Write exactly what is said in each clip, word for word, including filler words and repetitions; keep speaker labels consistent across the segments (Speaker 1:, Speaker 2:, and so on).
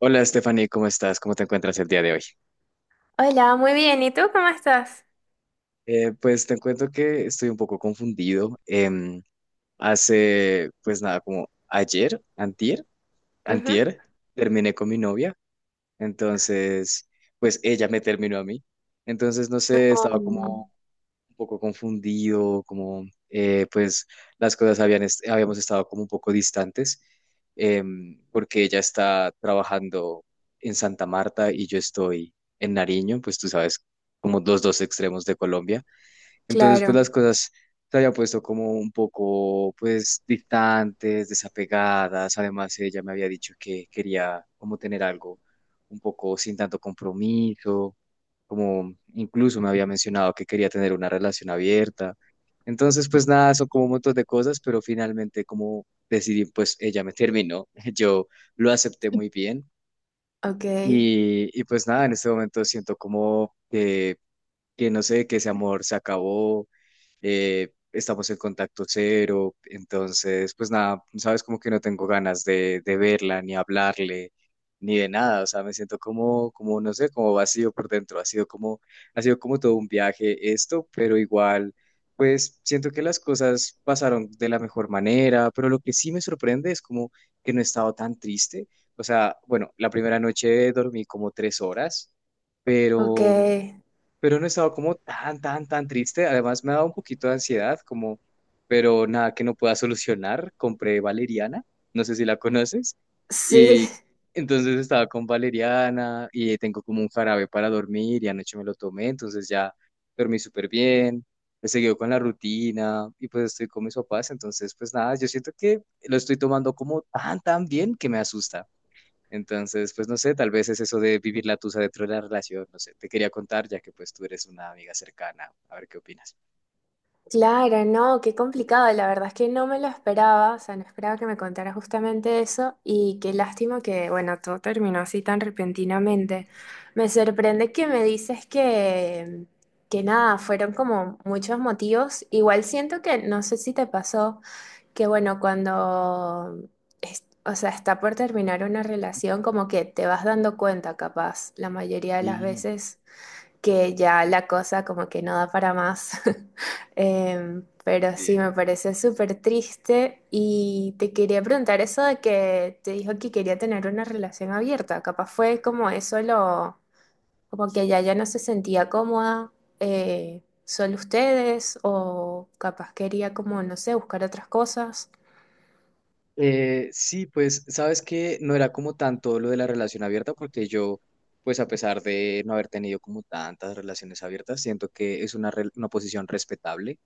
Speaker 1: Hola Stephanie, ¿cómo estás? ¿Cómo te encuentras el día de hoy?
Speaker 2: Hola, muy bien. ¿Y tú cómo estás?
Speaker 1: Eh, pues te cuento que estoy un poco confundido. Em, hace, pues nada, como ayer, antier,
Speaker 2: Ujú.
Speaker 1: antier, terminé con mi novia. Entonces, pues ella me terminó a mí. Entonces, no sé, estaba
Speaker 2: Mm,
Speaker 1: como un poco confundido, como eh, pues las cosas habían est- habíamos estado como un poco distantes, em, porque ella está trabajando en Santa Marta y yo estoy en Nariño, pues tú sabes, como los dos extremos de Colombia. Entonces, pues
Speaker 2: claro,
Speaker 1: las cosas se había puesto como un poco, pues, distantes, desapegadas. Además, ella me había dicho que quería como tener algo un poco sin tanto compromiso, como incluso me había mencionado que quería tener una relación abierta. Entonces, pues nada, son como un montón de cosas, pero finalmente como decidí, pues ella me terminó. Yo lo acepté muy bien
Speaker 2: ok,
Speaker 1: y, y pues nada, en este momento siento como que que no sé, que ese amor se acabó, eh, estamos en contacto cero, entonces, pues nada, sabes, como que no tengo ganas de, de verla, ni hablarle, ni de nada, o sea, me siento como, como, no sé, como vacío por dentro, ha sido como, ha sido como todo un viaje esto, pero igual, pues siento que las cosas pasaron de la mejor manera, pero lo que sí me sorprende es como que no he estado tan triste, o sea, bueno, la primera noche dormí como tres horas,
Speaker 2: ok.
Speaker 1: pero pero no he estado como tan, tan, tan triste. Además, me ha dado un poquito de ansiedad, como, pero nada que no pueda solucionar. Compré valeriana, no sé si la conoces,
Speaker 2: Sí,
Speaker 1: y entonces estaba con valeriana y tengo como un jarabe para dormir y anoche me lo tomé, entonces ya dormí súper bien. He seguido con la rutina y pues estoy con mis papás, entonces pues nada, yo siento que lo estoy tomando como tan, tan bien que me asusta. Entonces, pues no sé, tal vez es eso de vivir la tusa dentro de la relación, no sé, te quería contar ya que pues tú eres una amiga cercana, a ver qué opinas.
Speaker 2: claro, no, qué complicado. La verdad es que no me lo esperaba, o sea, no esperaba que me contara justamente eso y qué lástima que, bueno, todo terminó así tan repentinamente. Me sorprende que me dices que, que nada, fueron como muchos motivos. Igual siento que, no sé si te pasó. Que bueno, cuando, es- o sea, está por terminar una relación, como que te vas dando cuenta, capaz, la mayoría de las
Speaker 1: Sí.
Speaker 2: veces, que ya la cosa como que no da para más. Em, pero sí,
Speaker 1: Sí.
Speaker 2: me parece súper triste y te quería preguntar eso de que te dijo que quería tener una relación abierta, capaz fue como eso lo, como que ella ya no se sentía cómoda. eh, Solo ustedes, o capaz quería como, no sé, buscar otras cosas.
Speaker 1: Eh, sí, pues sabes que no era como tanto lo de la relación abierta, porque yo, pues a pesar de no haber tenido como tantas relaciones abiertas, siento que es una, re- una posición respetable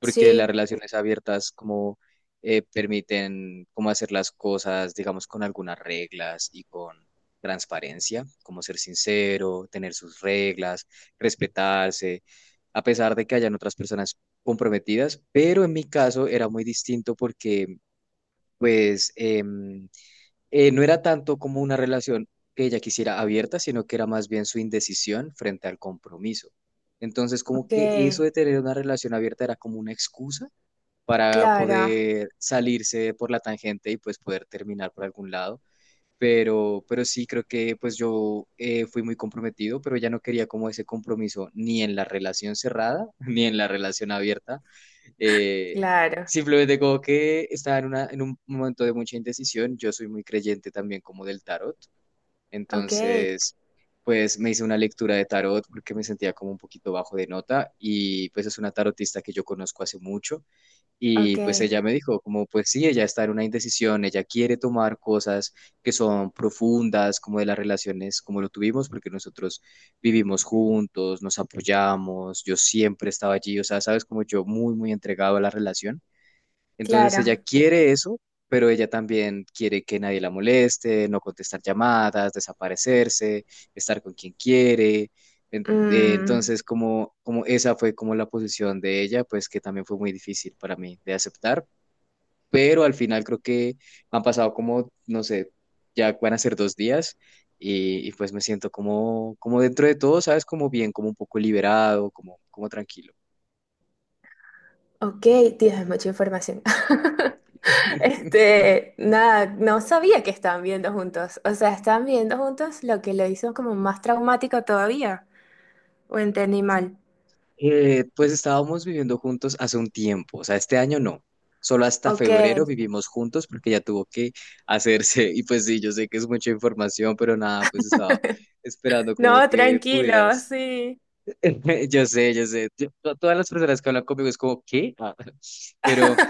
Speaker 1: porque las
Speaker 2: Sí,
Speaker 1: relaciones abiertas como eh, permiten como hacer las cosas, digamos, con algunas reglas y con transparencia, como ser sincero, tener sus reglas, respetarse, a pesar de que hayan otras personas comprometidas, pero en mi caso era muy distinto porque pues em, eh, no era tanto como una relación que ella quisiera abierta, sino que era más bien su indecisión frente al compromiso. Entonces, como
Speaker 2: ok,
Speaker 1: que eso de tener una relación abierta era como una excusa para
Speaker 2: claro,
Speaker 1: poder salirse por la tangente y pues poder terminar por algún lado. Pero, pero sí, creo que pues yo eh, fui muy comprometido, pero ya no quería como ese compromiso ni en la relación cerrada, ni en la relación abierta. Eh,
Speaker 2: claro,
Speaker 1: simplemente como que estaba en, una, en un momento de mucha indecisión. Yo soy muy creyente también como del tarot.
Speaker 2: ok,
Speaker 1: Entonces, pues me hice una lectura de tarot porque me sentía como un poquito bajo de nota y pues es una tarotista que yo conozco hace mucho
Speaker 2: ok,
Speaker 1: y pues ella me dijo, como pues sí, ella está en una indecisión, ella quiere tomar cosas que son profundas, como de las relaciones, como lo tuvimos, porque nosotros vivimos juntos, nos apoyamos, yo siempre estaba allí, o sea, sabes, como yo muy, muy entregado a la relación, entonces ella
Speaker 2: claro.
Speaker 1: quiere eso, pero ella también quiere que nadie la moleste, no contestar llamadas, desaparecerse, estar con quien quiere. En- eh,
Speaker 2: Mm,
Speaker 1: Entonces, como, como esa fue como la posición de ella, pues que también fue muy difícil para mí de aceptar, pero al final creo que han pasado como, no sé, ya van a ser dos días y, y pues me siento como, como dentro de todo, ¿sabes? Como bien, como un poco liberado, como, como tranquilo.
Speaker 2: ok, Dios, es mucha información. Este, nada, no sabía que estaban viendo juntos. O sea, estaban viendo juntos lo que lo hizo como más traumático todavía. O entendí mal.
Speaker 1: Eh, pues estábamos viviendo juntos hace un tiempo, o sea, este año no, solo hasta
Speaker 2: Ok.
Speaker 1: febrero vivimos juntos porque ya tuvo que hacerse. Y pues sí, yo sé que es mucha información, pero nada, pues estaba esperando
Speaker 2: No,
Speaker 1: como que
Speaker 2: tranquilo,
Speaker 1: pudieras.
Speaker 2: sí.
Speaker 1: Yo sé, yo sé, yo- to- todas las personas que hablan conmigo es como, ¿qué? Ah. Pero,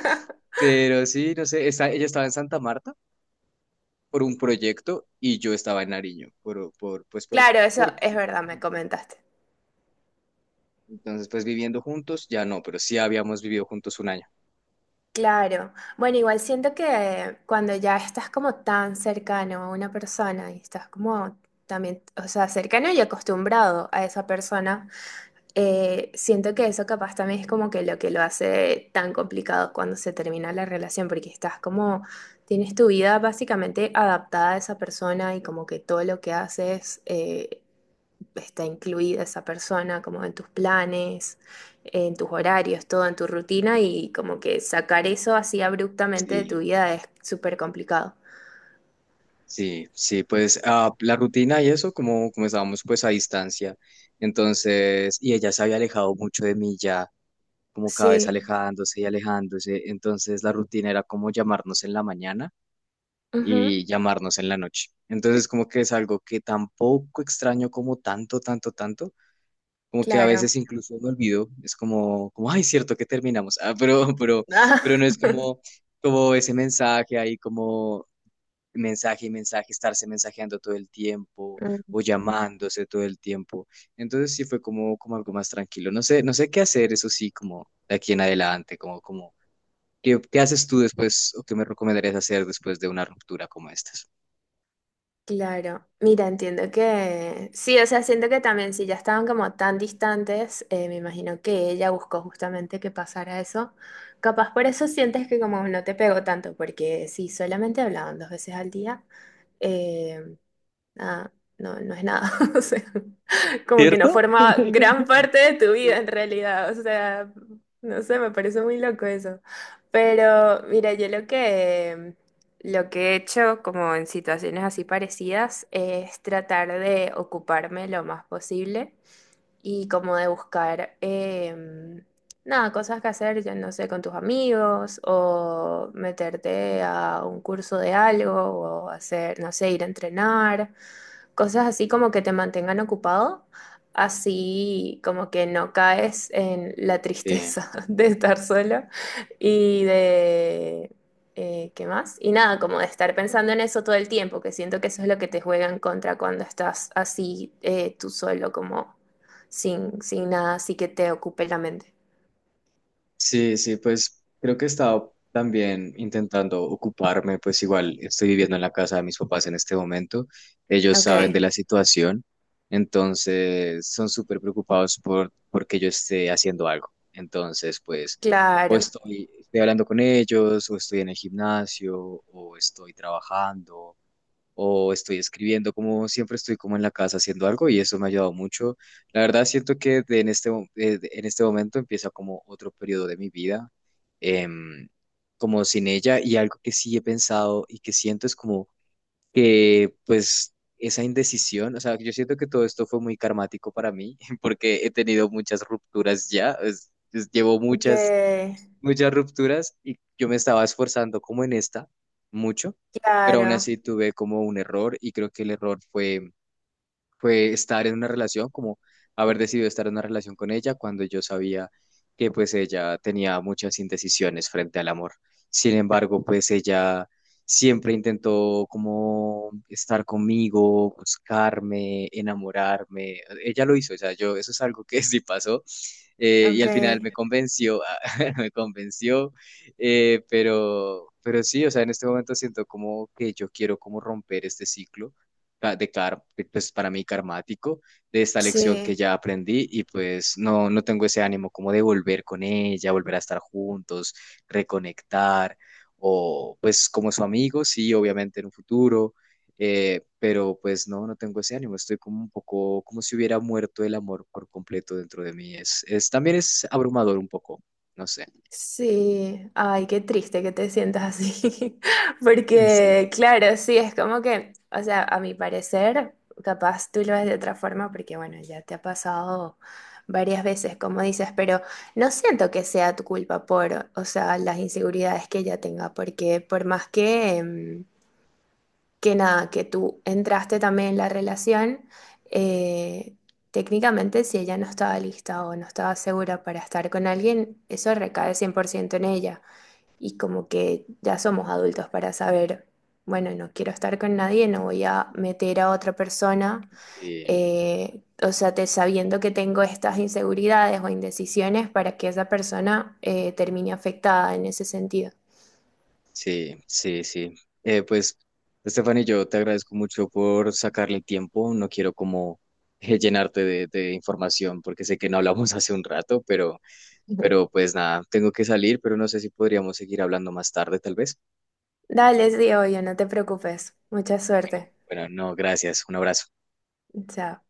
Speaker 1: pero sí, no sé, está, ella estaba en Santa Marta por un proyecto y yo estaba en Nariño, por, por, pues por,
Speaker 2: Claro, eso es
Speaker 1: porque,
Speaker 2: verdad, me comentaste.
Speaker 1: entonces pues viviendo juntos, ya no, pero sí habíamos vivido juntos un año.
Speaker 2: Claro. Bueno, igual siento que cuando ya estás como tan cercano a una persona y estás como también, o sea, cercano y acostumbrado a esa persona, eh, siento que eso capaz también es como que lo que lo hace tan complicado cuando se termina la relación, porque estás como, tienes tu vida básicamente adaptada a esa persona y como que todo lo que haces, eh, está incluida esa persona como en tus planes, en tus horarios, todo en tu rutina y como que sacar eso así abruptamente de tu
Speaker 1: Sí.
Speaker 2: vida es súper complicado.
Speaker 1: Sí, sí, pues ah, la rutina y eso, como, como estábamos pues a distancia, entonces, y ella se había alejado mucho de mí ya, como cada vez
Speaker 2: Sí,
Speaker 1: alejándose y alejándose, entonces la rutina era como llamarnos en la mañana
Speaker 2: ujú,
Speaker 1: y llamarnos en la noche. Entonces, como que es algo que tampoco extraño como tanto, tanto, tanto, como que a
Speaker 2: claro.
Speaker 1: veces incluso me olvido, es como, como, ay, cierto que terminamos, ah, pero, pero, pero no es como como ese mensaje ahí como mensaje y mensaje, estarse mensajeando todo el tiempo
Speaker 2: Mm.
Speaker 1: o llamándose todo el tiempo. Entonces sí fue como, como algo más tranquilo. No sé, no sé qué hacer, eso sí, como de aquí en adelante, como, como, ¿qué, qué haces tú después o qué me recomendarías hacer después de una ruptura como estas?
Speaker 2: Claro, mira, entiendo que sí, o sea, siento que también si ya estaban como tan distantes, eh, me imagino que ella buscó justamente que pasara eso. Capaz por eso sientes que como no te pegó tanto, porque si solamente hablaban dos veces al día, eh, nada, no, no es nada. O sea, como que no
Speaker 1: ¿Cierto?
Speaker 2: forma gran parte de tu vida en realidad. O sea, no sé, me parece muy loco eso. Pero mira, yo lo que, lo que he hecho como en situaciones así parecidas es tratar de ocuparme lo más posible y como de buscar, em, nada, cosas que hacer, yo no sé, con tus amigos o meterte a un curso de algo o hacer, no sé, ir a entrenar cosas así como que te mantengan ocupado, así como que no caes en la
Speaker 1: Sí.
Speaker 2: tristeza de estar solo y de... eh, ¿Qué más? Y nada, como de estar pensando en eso todo el tiempo, que siento que eso es lo que te juega en contra cuando estás así eh, tú solo, como sin, sin nada así que te ocupe la mente.
Speaker 1: Sí, sí, pues creo que he estado también intentando ocuparme, pues igual estoy viviendo en la casa de mis papás en este momento, ellos
Speaker 2: Ok,
Speaker 1: saben de la situación, entonces son súper preocupados por porque yo esté haciendo algo. Entonces, pues o
Speaker 2: claro.
Speaker 1: estoy, estoy hablando con ellos, o estoy en el gimnasio, o estoy trabajando, o estoy escribiendo, como siempre estoy como en la casa haciendo algo y eso me ha ayudado mucho. La verdad siento que de en este, mo- eh, de- en este momento empieza como otro periodo de mi vida, em, como sin ella, y algo que sí he pensado y que siento es como que pues esa indecisión, o sea, yo siento que todo esto fue muy karmático para mí porque he tenido muchas rupturas ya, es- es- llevo
Speaker 2: Ok,
Speaker 1: muchas muchas rupturas y yo me estaba esforzando como en esta mucho, pero aún
Speaker 2: claro.
Speaker 1: así tuve como un error y creo que el error fue fue estar en una relación, como haber decidido estar en una relación con ella cuando yo sabía que pues ella tenía muchas indecisiones frente al amor. Sin embargo, pues ella siempre intentó como estar conmigo, buscarme, enamorarme. Ella lo hizo, o sea, yo, eso es algo que sí pasó. Eh, y
Speaker 2: Ok,
Speaker 1: al final me convenció, me convenció, eh, pero, pero sí, o sea, en este momento siento como que yo quiero como romper este ciclo ca- de, car- de, pues para mí karmático, de esta lección que
Speaker 2: sí.
Speaker 1: ya aprendí, y pues no, no tengo ese ánimo como de volver con ella, volver a estar juntos, reconectar o pues como su amigo, sí, obviamente en un futuro, eh, pero pues no, no tengo ese ánimo, estoy como un poco como si hubiera muerto el amor por completo dentro de mí, es, es también es abrumador un poco, no sé.
Speaker 2: Sí, ay, qué triste que te sientas así,
Speaker 1: Sí.
Speaker 2: porque claro, sí, es como que, o sea, a mi parecer, capaz tú lo ves de otra forma, porque bueno, ya te ha pasado varias veces, como dices, pero no siento que sea tu culpa por, o sea, las inseguridades que ella tenga, porque por más que, em, que nada, que tú entraste también en la relación, eh, técnicamente si ella no estaba lista o no estaba segura para estar con alguien, eso recae cien por ciento en ella. Y como que ya somos adultos para saber, bueno, no quiero estar con nadie, no voy a meter a otra persona,
Speaker 1: Sí.
Speaker 2: eh, o sea, te, sabiendo que tengo estas inseguridades o indecisiones para que esa persona eh, termine afectada en ese sentido.
Speaker 1: Sí, sí, sí. Eh, pues, Stephanie, yo te agradezco mucho por sacarle el tiempo. No quiero como eh, llenarte de, de información porque sé que no hablamos hace un rato, pero, pero pues nada, tengo que salir, pero no sé si podríamos seguir hablando más tarde, tal vez.
Speaker 2: Dale, sí, obvio, no te preocupes. Mucha
Speaker 1: Bueno,
Speaker 2: suerte.
Speaker 1: bueno, no, gracias. Un abrazo.
Speaker 2: Ya.